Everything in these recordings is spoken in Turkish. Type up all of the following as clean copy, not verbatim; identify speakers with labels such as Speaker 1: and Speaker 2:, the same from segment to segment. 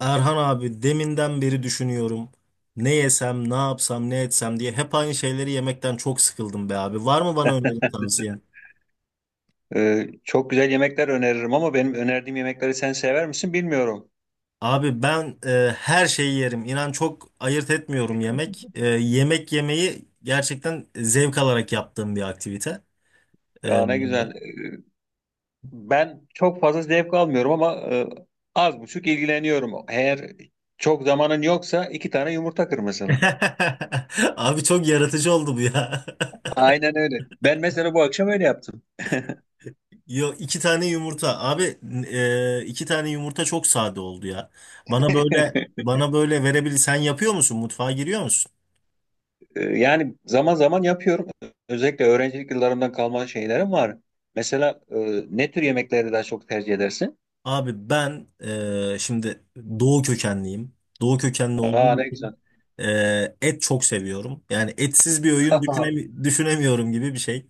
Speaker 1: Erhan abi deminden beri düşünüyorum. Ne yesem, ne yapsam, ne etsem diye hep aynı şeyleri yemekten çok sıkıldım be abi. Var mı bana öneri tavsiyen?
Speaker 2: Çok güzel yemekler öneririm ama benim önerdiğim yemekleri sen sever misin bilmiyorum.
Speaker 1: Abi ben her şeyi yerim. İnan çok ayırt etmiyorum yemek. Yemek yemeyi gerçekten zevk alarak yaptığım bir aktivite. E,
Speaker 2: Ya ne güzel. Ben çok fazla zevk almıyorum ama az buçuk ilgileniyorum. Eğer çok zamanın yoksa iki tane yumurta kır mesela.
Speaker 1: Abi çok yaratıcı oldu bu ya.
Speaker 2: Aynen öyle. Ben mesela bu akşam öyle yaptım.
Speaker 1: Yo iki tane yumurta. Abi iki tane yumurta çok sade oldu ya. Bana böyle bana böyle verebilir. Sen yapıyor musun? Mutfağa giriyor musun?
Speaker 2: Yani zaman zaman yapıyorum. Özellikle öğrencilik yıllarımdan kalma şeylerim var. Mesela ne tür yemekleri daha çok tercih edersin?
Speaker 1: Abi ben şimdi doğu kökenliyim. Doğu kökenli
Speaker 2: Aa
Speaker 1: olduğum
Speaker 2: ne
Speaker 1: için
Speaker 2: güzel.
Speaker 1: et çok seviyorum. Yani etsiz bir öğün düşünemiyorum gibi bir şey.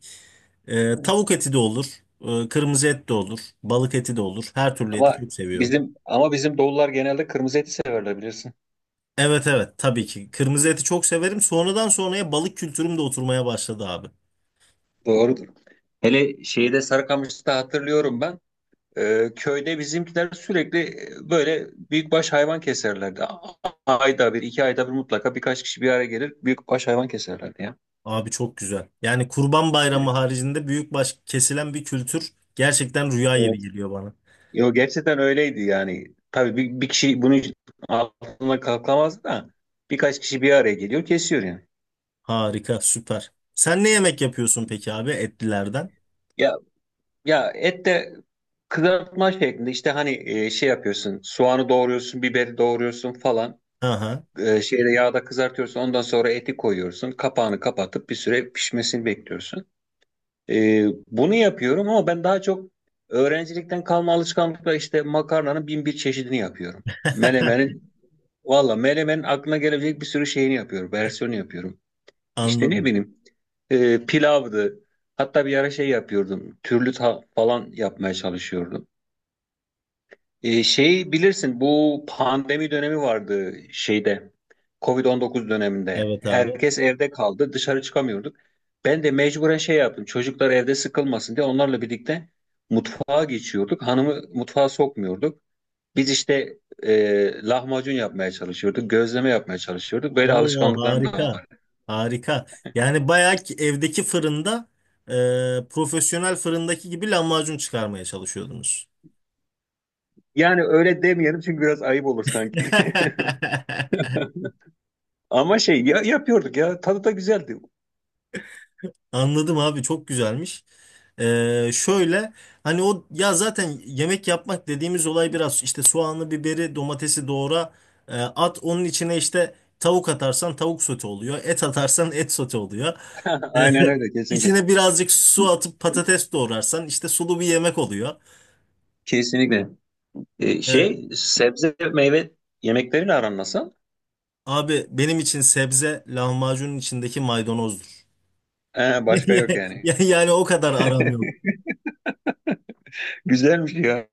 Speaker 1: E, tavuk eti de olur. Kırmızı et de olur. Balık eti de olur. Her türlü eti
Speaker 2: Ama
Speaker 1: çok seviyorum.
Speaker 2: ama bizim doğullar genelde kırmızı eti severler bilirsin.
Speaker 1: Evet, evet, tabii ki. Kırmızı eti çok severim. Sonradan sonraya balık kültürüm de oturmaya başladı abi.
Speaker 2: Doğrudur. Hele şeyde Sarıkamış'ta hatırlıyorum ben. Köyde bizimkiler sürekli böyle büyükbaş hayvan keserlerdi. Ayda bir, iki ayda bir mutlaka birkaç kişi bir araya gelir büyükbaş hayvan keserlerdi ya.
Speaker 1: Abi çok güzel. Yani Kurban Bayramı haricinde büyük baş kesilen bir kültür gerçekten rüya
Speaker 2: Evet.
Speaker 1: gibi geliyor bana.
Speaker 2: Yo, gerçekten öyleydi yani. Tabii bir kişi bunun altına kalkamazdı da birkaç kişi bir araya geliyor kesiyor yani.
Speaker 1: Harika, süper. Sen ne yemek yapıyorsun peki abi etlilerden?
Speaker 2: Ya Ya et de kızartma şeklinde işte hani şey yapıyorsun, soğanı doğruyorsun, biberi doğruyorsun falan.
Speaker 1: Aha,
Speaker 2: Şeyde yağda kızartıyorsun, ondan sonra eti koyuyorsun, kapağını kapatıp bir süre pişmesini bekliyorsun. Bunu yapıyorum ama ben daha çok öğrencilikten kalma alışkanlıkla işte makarnanın bin bir çeşidini yapıyorum. Menemenin, valla menemenin aklına gelebilecek bir sürü şeyini yapıyorum, versiyonu yapıyorum. İşte ne
Speaker 1: anladım.
Speaker 2: bileyim pilavdı, hatta bir ara şey yapıyordum, falan yapmaya çalışıyordum. Şey, bilirsin bu pandemi dönemi vardı, şeyde Covid-19 döneminde.
Speaker 1: Evet abi.
Speaker 2: Herkes evde kaldı, dışarı çıkamıyorduk. Ben de mecburen şey yaptım, çocuklar evde sıkılmasın diye onlarla birlikte mutfağa geçiyorduk. Hanımı mutfağa sokmuyorduk. Biz işte lahmacun yapmaya çalışıyorduk, gözleme yapmaya çalışıyorduk. Böyle
Speaker 1: Oo,
Speaker 2: alışkanlıklarım da
Speaker 1: harika.
Speaker 2: var.
Speaker 1: Harika. Yani bayağı ki evdeki fırında profesyonel fırındaki gibi lahmacun çıkarmaya çalışıyordunuz.
Speaker 2: Yani öyle demeyelim çünkü biraz ayıp olur sanki. Ama şey ya, yapıyorduk ya, tadı da güzeldi.
Speaker 1: Anladım abi çok güzelmiş. Şöyle hani o ya zaten yemek yapmak dediğimiz olay biraz işte soğanlı biberi, domatesi doğra at onun içine işte tavuk atarsan tavuk sote oluyor. Et atarsan et sote oluyor.
Speaker 2: Aynen öyle, kesinlikle.
Speaker 1: İçine birazcık su atıp patates doğrarsan işte sulu bir yemek oluyor.
Speaker 2: Kesinlikle.
Speaker 1: Ee,
Speaker 2: Şey, sebze meyve yemeklerin aran nasıl?
Speaker 1: abi benim için sebze lahmacunun içindeki maydanozdur.
Speaker 2: Başka yok yani.
Speaker 1: Yani o kadar aram yok.
Speaker 2: Güzelmiş ya.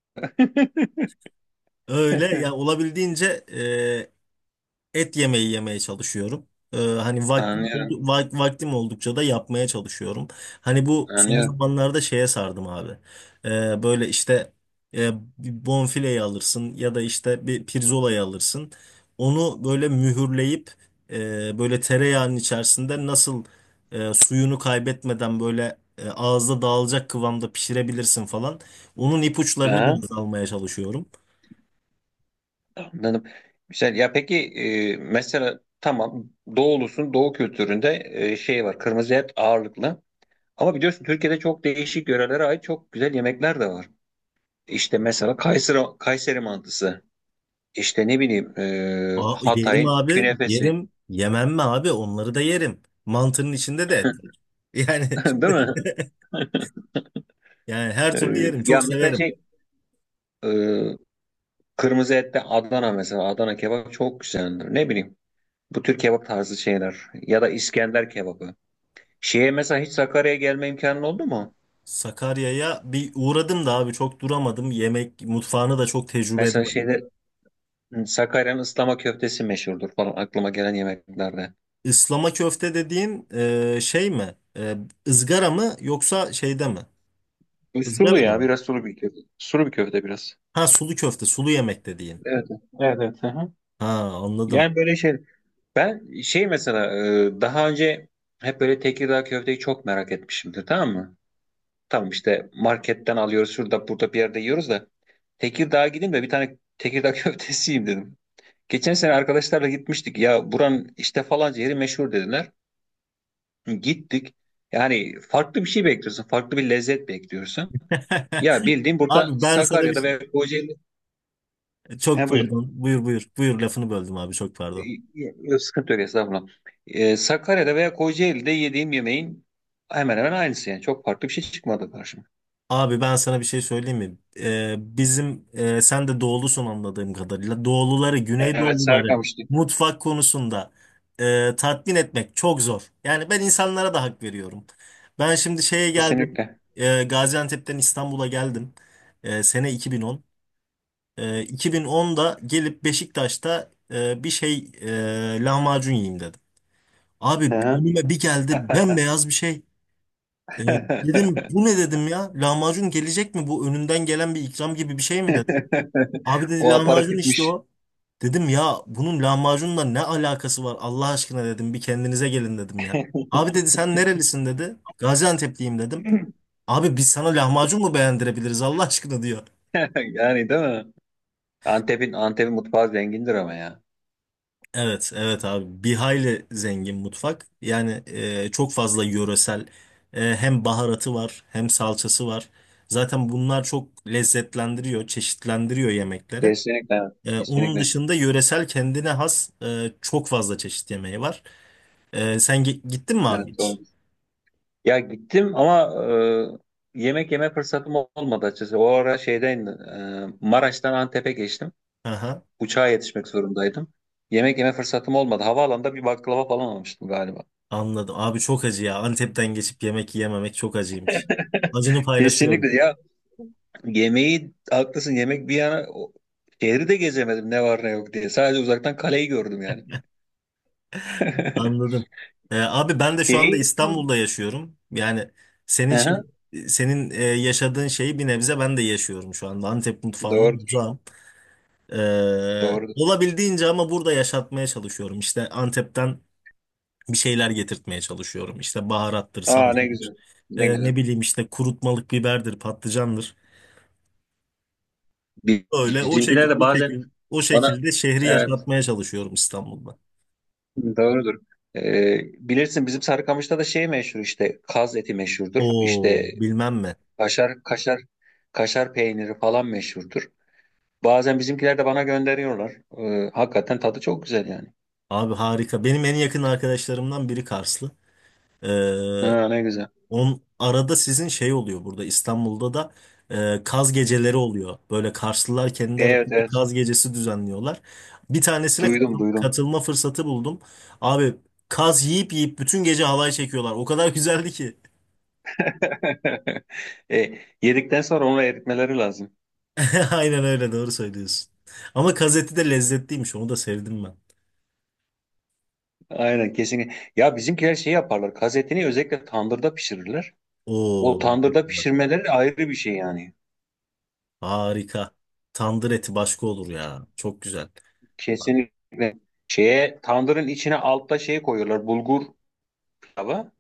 Speaker 1: Öyle ya olabildiğince e, et yemeği yemeye çalışıyorum. Hani
Speaker 2: Anlıyorum,
Speaker 1: vaktim oldukça da yapmaya çalışıyorum. Hani bu son
Speaker 2: anlıyorum.
Speaker 1: zamanlarda şeye sardım abi. Böyle işte e, bir bonfileyi alırsın ya da işte bir pirzolayı alırsın. Onu böyle mühürleyip böyle tereyağının içerisinde nasıl suyunu kaybetmeden böyle ağızda dağılacak kıvamda pişirebilirsin falan. Onun ipuçlarını
Speaker 2: Aha,
Speaker 1: biraz almaya çalışıyorum.
Speaker 2: anladım. Güzel. Ya peki mesela tamam, doğulusun, doğu kültüründe şey var, kırmızı et ağırlıklı. Ama biliyorsun Türkiye'de çok değişik yörelere ait çok güzel yemekler de var. İşte mesela Kayseri, mantısı. İşte ne bileyim
Speaker 1: Aa, yerim
Speaker 2: Hatay'ın
Speaker 1: abi.
Speaker 2: künefesi.
Speaker 1: Yerim. Yemem mi abi? Onları da yerim. Mantının içinde de et var. Yani
Speaker 2: Değil mi?
Speaker 1: şimdi, yani her
Speaker 2: E,
Speaker 1: türlü yerim.
Speaker 2: Ya
Speaker 1: Çok
Speaker 2: mesela
Speaker 1: severim.
Speaker 2: şey, e, kırmızı ette Adana mesela. Adana kebap çok güzeldir. Ne bileyim. Bu tür kebap tarzı şeyler. Ya da İskender kebabı. Şeye mesela hiç Sakarya'ya gelme imkanın oldu mu?
Speaker 1: Sakarya'ya bir uğradım da abi çok duramadım. Yemek mutfağını da çok tecrübe
Speaker 2: Mesela
Speaker 1: edemedim.
Speaker 2: şeyde, hı, Sakarya'nın ıslama köftesi meşhurdur falan, aklıma gelen yemeklerde.
Speaker 1: Islama köfte dediğin şey mi? E, ızgara mı yoksa şeyde mi?
Speaker 2: Bu sulu
Speaker 1: Izgarada
Speaker 2: ya,
Speaker 1: mı?
Speaker 2: biraz sulu bir köfte. Sulu bir köfte biraz.
Speaker 1: Ha, sulu köfte, sulu yemek dediğin.
Speaker 2: Evet. Evet, evet. Hı hı.
Speaker 1: Ha, anladım.
Speaker 2: Yani böyle şey. Ben şey mesela daha önce hep böyle Tekirdağ köfteyi çok merak etmişimdir, tamam mı? Tamam işte marketten alıyoruz, şurada burada bir yerde yiyoruz da Tekirdağ'a gideyim de bir tane Tekirdağ köftesi yiyeyim dedim. Geçen sene arkadaşlarla gitmiştik. Ya buranın işte falanca yeri meşhur dediler. Gittik. Yani farklı bir şey bekliyorsun. Farklı bir lezzet bekliyorsun. Ya bildiğin burada
Speaker 1: Abi ben sana bir
Speaker 2: Sakarya'da
Speaker 1: şey...
Speaker 2: veya Kocaeli. He
Speaker 1: Çok
Speaker 2: buyur.
Speaker 1: pardon. Buyur, buyur. Buyur lafını böldüm abi çok
Speaker 2: E,
Speaker 1: pardon.
Speaker 2: e, Yok, sıkıntı yok, estağfurullah. Sakarya'da veya Kocaeli'de yediğim yemeğin hemen hemen aynısı yani. Çok farklı bir şey çıkmadı karşıma.
Speaker 1: Abi ben sana bir şey söyleyeyim mi? Bizim sen de doğulusun anladığım kadarıyla. Doğuluları,
Speaker 2: Evet,
Speaker 1: Güneydoğuluları
Speaker 2: Sarıkamış'tı.
Speaker 1: mutfak konusunda tatmin etmek çok zor. Yani ben insanlara da hak veriyorum. Ben şimdi şeye geldim.
Speaker 2: Kesinlikle.
Speaker 1: Gaziantep'ten İstanbul'a geldim. Sene 2010. 2010'da gelip Beşiktaş'ta bir şey lahmacun yiyeyim dedim. Abi
Speaker 2: Hı hı.
Speaker 1: önüme bir geldi bembeyaz bir şey. Ee, dedim bu ne dedim ya? Lahmacun gelecek mi? Bu önünden gelen bir ikram gibi bir şey mi dedim. Abi dedi
Speaker 2: O
Speaker 1: lahmacun işte
Speaker 2: aparatifmiş.
Speaker 1: o. Dedim ya bunun lahmacunla ne alakası var Allah aşkına dedim. Bir kendinize gelin dedim ya. Abi dedi sen nerelisin dedi. Gaziantep'liyim dedim. Abi biz sana lahmacun mu beğendirebiliriz Allah aşkına diyor.
Speaker 2: Yani değil mi? Antep'in mutfağı zengindir ama ya.
Speaker 1: Evet, evet abi. Bir hayli zengin mutfak. Yani çok fazla yöresel hem baharatı var hem salçası var. Zaten bunlar çok lezzetlendiriyor, çeşitlendiriyor yemekleri.
Speaker 2: Kesinlikle evet.
Speaker 1: Onun
Speaker 2: Kesinlikle.
Speaker 1: dışında yöresel kendine has çok fazla çeşit yemeği var. Sen gittin mi
Speaker 2: Evet
Speaker 1: abi hiç?
Speaker 2: doğru. Ya gittim ama yemek yeme fırsatım olmadı açıkçası. O ara şeyden Maraş'tan Antep'e geçtim.
Speaker 1: Aha.
Speaker 2: Uçağa yetişmek zorundaydım. Yemek yeme fırsatım olmadı. Havaalanında bir baklava falan almıştım galiba.
Speaker 1: Anladım. Abi çok acı ya. Antep'ten geçip yemek yiyememek çok acıymış. Acını paylaşıyorum.
Speaker 2: Kesinlikle. Ya, yemeği haklısın, yemek bir yana, şehri de gezemedim ne var ne yok diye. Sadece uzaktan kaleyi gördüm yani.
Speaker 1: Anladım. Abi ben de şu anda
Speaker 2: Şey,
Speaker 1: İstanbul'da yaşıyorum. Yani senin
Speaker 2: aha,
Speaker 1: şey- senin yaşadığın şeyi bir nebze ben de yaşıyorum şu anda. Antep mutfağından
Speaker 2: doğru,
Speaker 1: uzağım. Ee,
Speaker 2: doğru.
Speaker 1: olabildiğince ama burada yaşatmaya çalışıyorum. İşte Antep'ten bir şeyler getirtmeye çalışıyorum. İşte baharattır,
Speaker 2: Aa ne
Speaker 1: salçadır,
Speaker 2: güzel, ne güzel.
Speaker 1: ne bileyim işte kurutmalık biberdir, patlıcandır.
Speaker 2: Bi-
Speaker 1: Öyle
Speaker 2: Bizimkiler de bazen
Speaker 1: o
Speaker 2: bana,
Speaker 1: şekilde şehri
Speaker 2: evet,
Speaker 1: yaşatmaya çalışıyorum İstanbul'da.
Speaker 2: doğrudur. Ee, Bilirsin bizim Sarıkamış'ta da şey meşhur işte, kaz eti meşhurdur.
Speaker 1: Oo,
Speaker 2: İşte
Speaker 1: bilmem mi.
Speaker 2: kaşar, kaşar, kaşar peyniri falan meşhurdur. Bazen bizimkiler de bana gönderiyorlar. Hakikaten tadı çok güzel yani.
Speaker 1: Abi harika. Benim en yakın arkadaşlarımdan biri Karslı. Ee,
Speaker 2: Ha, ne güzel.
Speaker 1: on arada sizin şey oluyor burada İstanbul'da da kaz geceleri oluyor. Böyle Karslılar kendi
Speaker 2: Evet,
Speaker 1: arasında
Speaker 2: evet.
Speaker 1: kaz gecesi düzenliyorlar. Bir tanesine
Speaker 2: Duydum, duydum.
Speaker 1: katılma fırsatı buldum. Abi kaz yiyip yiyip bütün gece halay çekiyorlar. O kadar güzeldi ki.
Speaker 2: E, yedikten sonra onu eritmeleri lazım.
Speaker 1: Aynen öyle doğru söylüyorsun. Ama kaz eti de lezzetliymiş onu da sevdim ben.
Speaker 2: Aynen, kesinlikle. Ya bizimkiler şey yaparlar. Kazetini özellikle tandırda pişirirler.
Speaker 1: Oo,
Speaker 2: O tandırda pişirmeleri ayrı bir şey yani.
Speaker 1: harika. Tandır eti başka olur ya. Çok güzel.
Speaker 2: Kesinlikle. Şeye tandırın içine altta şey koyuyorlar. Bulgur pilava.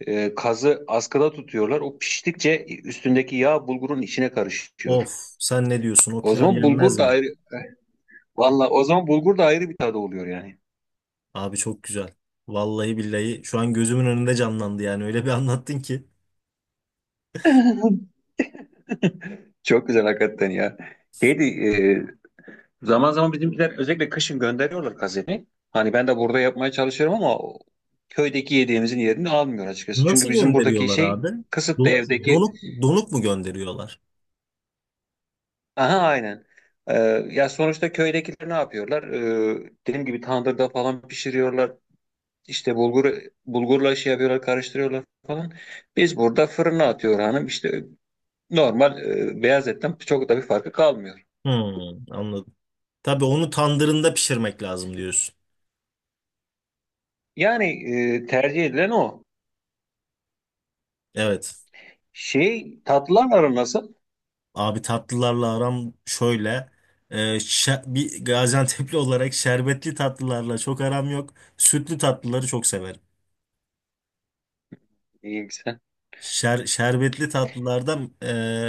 Speaker 2: Kazı askıda tutuyorlar. O piştikçe üstündeki yağ bulgurun içine
Speaker 1: Of,
Speaker 2: karışıyor.
Speaker 1: sen ne diyorsun? O
Speaker 2: O
Speaker 1: pilav
Speaker 2: zaman
Speaker 1: yenmez
Speaker 2: bulgur da
Speaker 1: mi?
Speaker 2: ayrı. Valla o zaman bulgur da ayrı bir tadı oluyor yani.
Speaker 1: Abi çok güzel. Vallahi billahi şu an gözümün önünde canlandı yani öyle bir anlattın ki.
Speaker 2: Çok güzel hakikaten ya. Şeydi, e, Zaman zaman bizimkiler özellikle kışın gönderiyorlar kazeni. Hani ben de burada yapmaya çalışıyorum ama o köydeki yediğimizin yerini almıyor açıkçası. Çünkü
Speaker 1: Nasıl
Speaker 2: bizim buradaki
Speaker 1: gönderiyorlar
Speaker 2: şey
Speaker 1: abi?
Speaker 2: kısıtlı
Speaker 1: Do-
Speaker 2: biraz, evdeki.
Speaker 1: donuk donuk mu gönderiyorlar?
Speaker 2: Aha aynen. Ee, Ya sonuçta köydekiler ne yapıyorlar? Dediğim gibi tandırda falan pişiriyorlar. İşte bulgurla şey yapıyorlar, karıştırıyorlar falan. Biz burada fırına atıyor hanım. İşte normal beyaz etten çok da bir farkı kalmıyor.
Speaker 1: Hmm, anladım. Tabii onu tandırında pişirmek lazım diyorsun.
Speaker 2: Yani tercih edilen o.
Speaker 1: Evet.
Speaker 2: Şey, tatlılar aran nasıl?
Speaker 1: Abi tatlılarla aram şöyle. Bir Gaziantep'li olarak şerbetli tatlılarla çok aram yok. Sütlü tatlıları çok severim.
Speaker 2: İyi, güzel.
Speaker 1: Şerbetli tatlılardan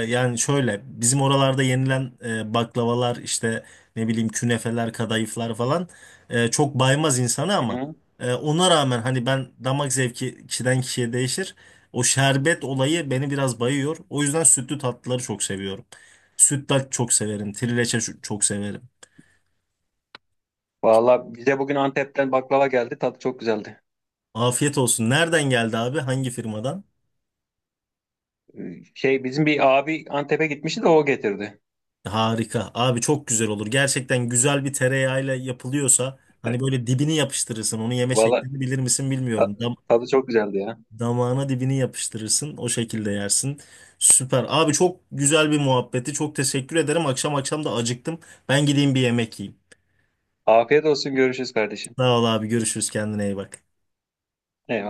Speaker 1: yani şöyle bizim oralarda yenilen baklavalar işte ne bileyim künefeler kadayıflar falan çok baymaz insanı
Speaker 2: Hı
Speaker 1: ama
Speaker 2: hı.
Speaker 1: ona rağmen hani ben damak zevki kişiden kişiye değişir. O şerbet olayı beni biraz bayıyor. O yüzden sütlü tatlıları çok seviyorum. Sütlaç çok severim. Trileçe çok severim.
Speaker 2: Valla bize bugün Antep'ten baklava geldi. Tadı çok güzeldi.
Speaker 1: Afiyet olsun. Nereden geldi abi? Hangi firmadan?
Speaker 2: Şey, bizim bir abi Antep'e gitmişti de o getirdi.
Speaker 1: Harika. Abi çok güzel olur. Gerçekten güzel bir tereyağıyla yapılıyorsa hani böyle dibini yapıştırırsın. Onu yeme
Speaker 2: Valla
Speaker 1: şeklini bilir misin
Speaker 2: ta-
Speaker 1: bilmiyorum. Dam
Speaker 2: tadı çok güzeldi ya.
Speaker 1: damağına dibini yapıştırırsın. O şekilde yersin. Süper. Abi çok güzel bir muhabbeti. Çok teşekkür ederim. Akşam akşam da acıktım. Ben gideyim bir yemek yiyeyim.
Speaker 2: Afiyet olsun, görüşürüz kardeşim.
Speaker 1: Sağ ol abi. Görüşürüz. Kendine iyi bak.
Speaker 2: Eyvallah.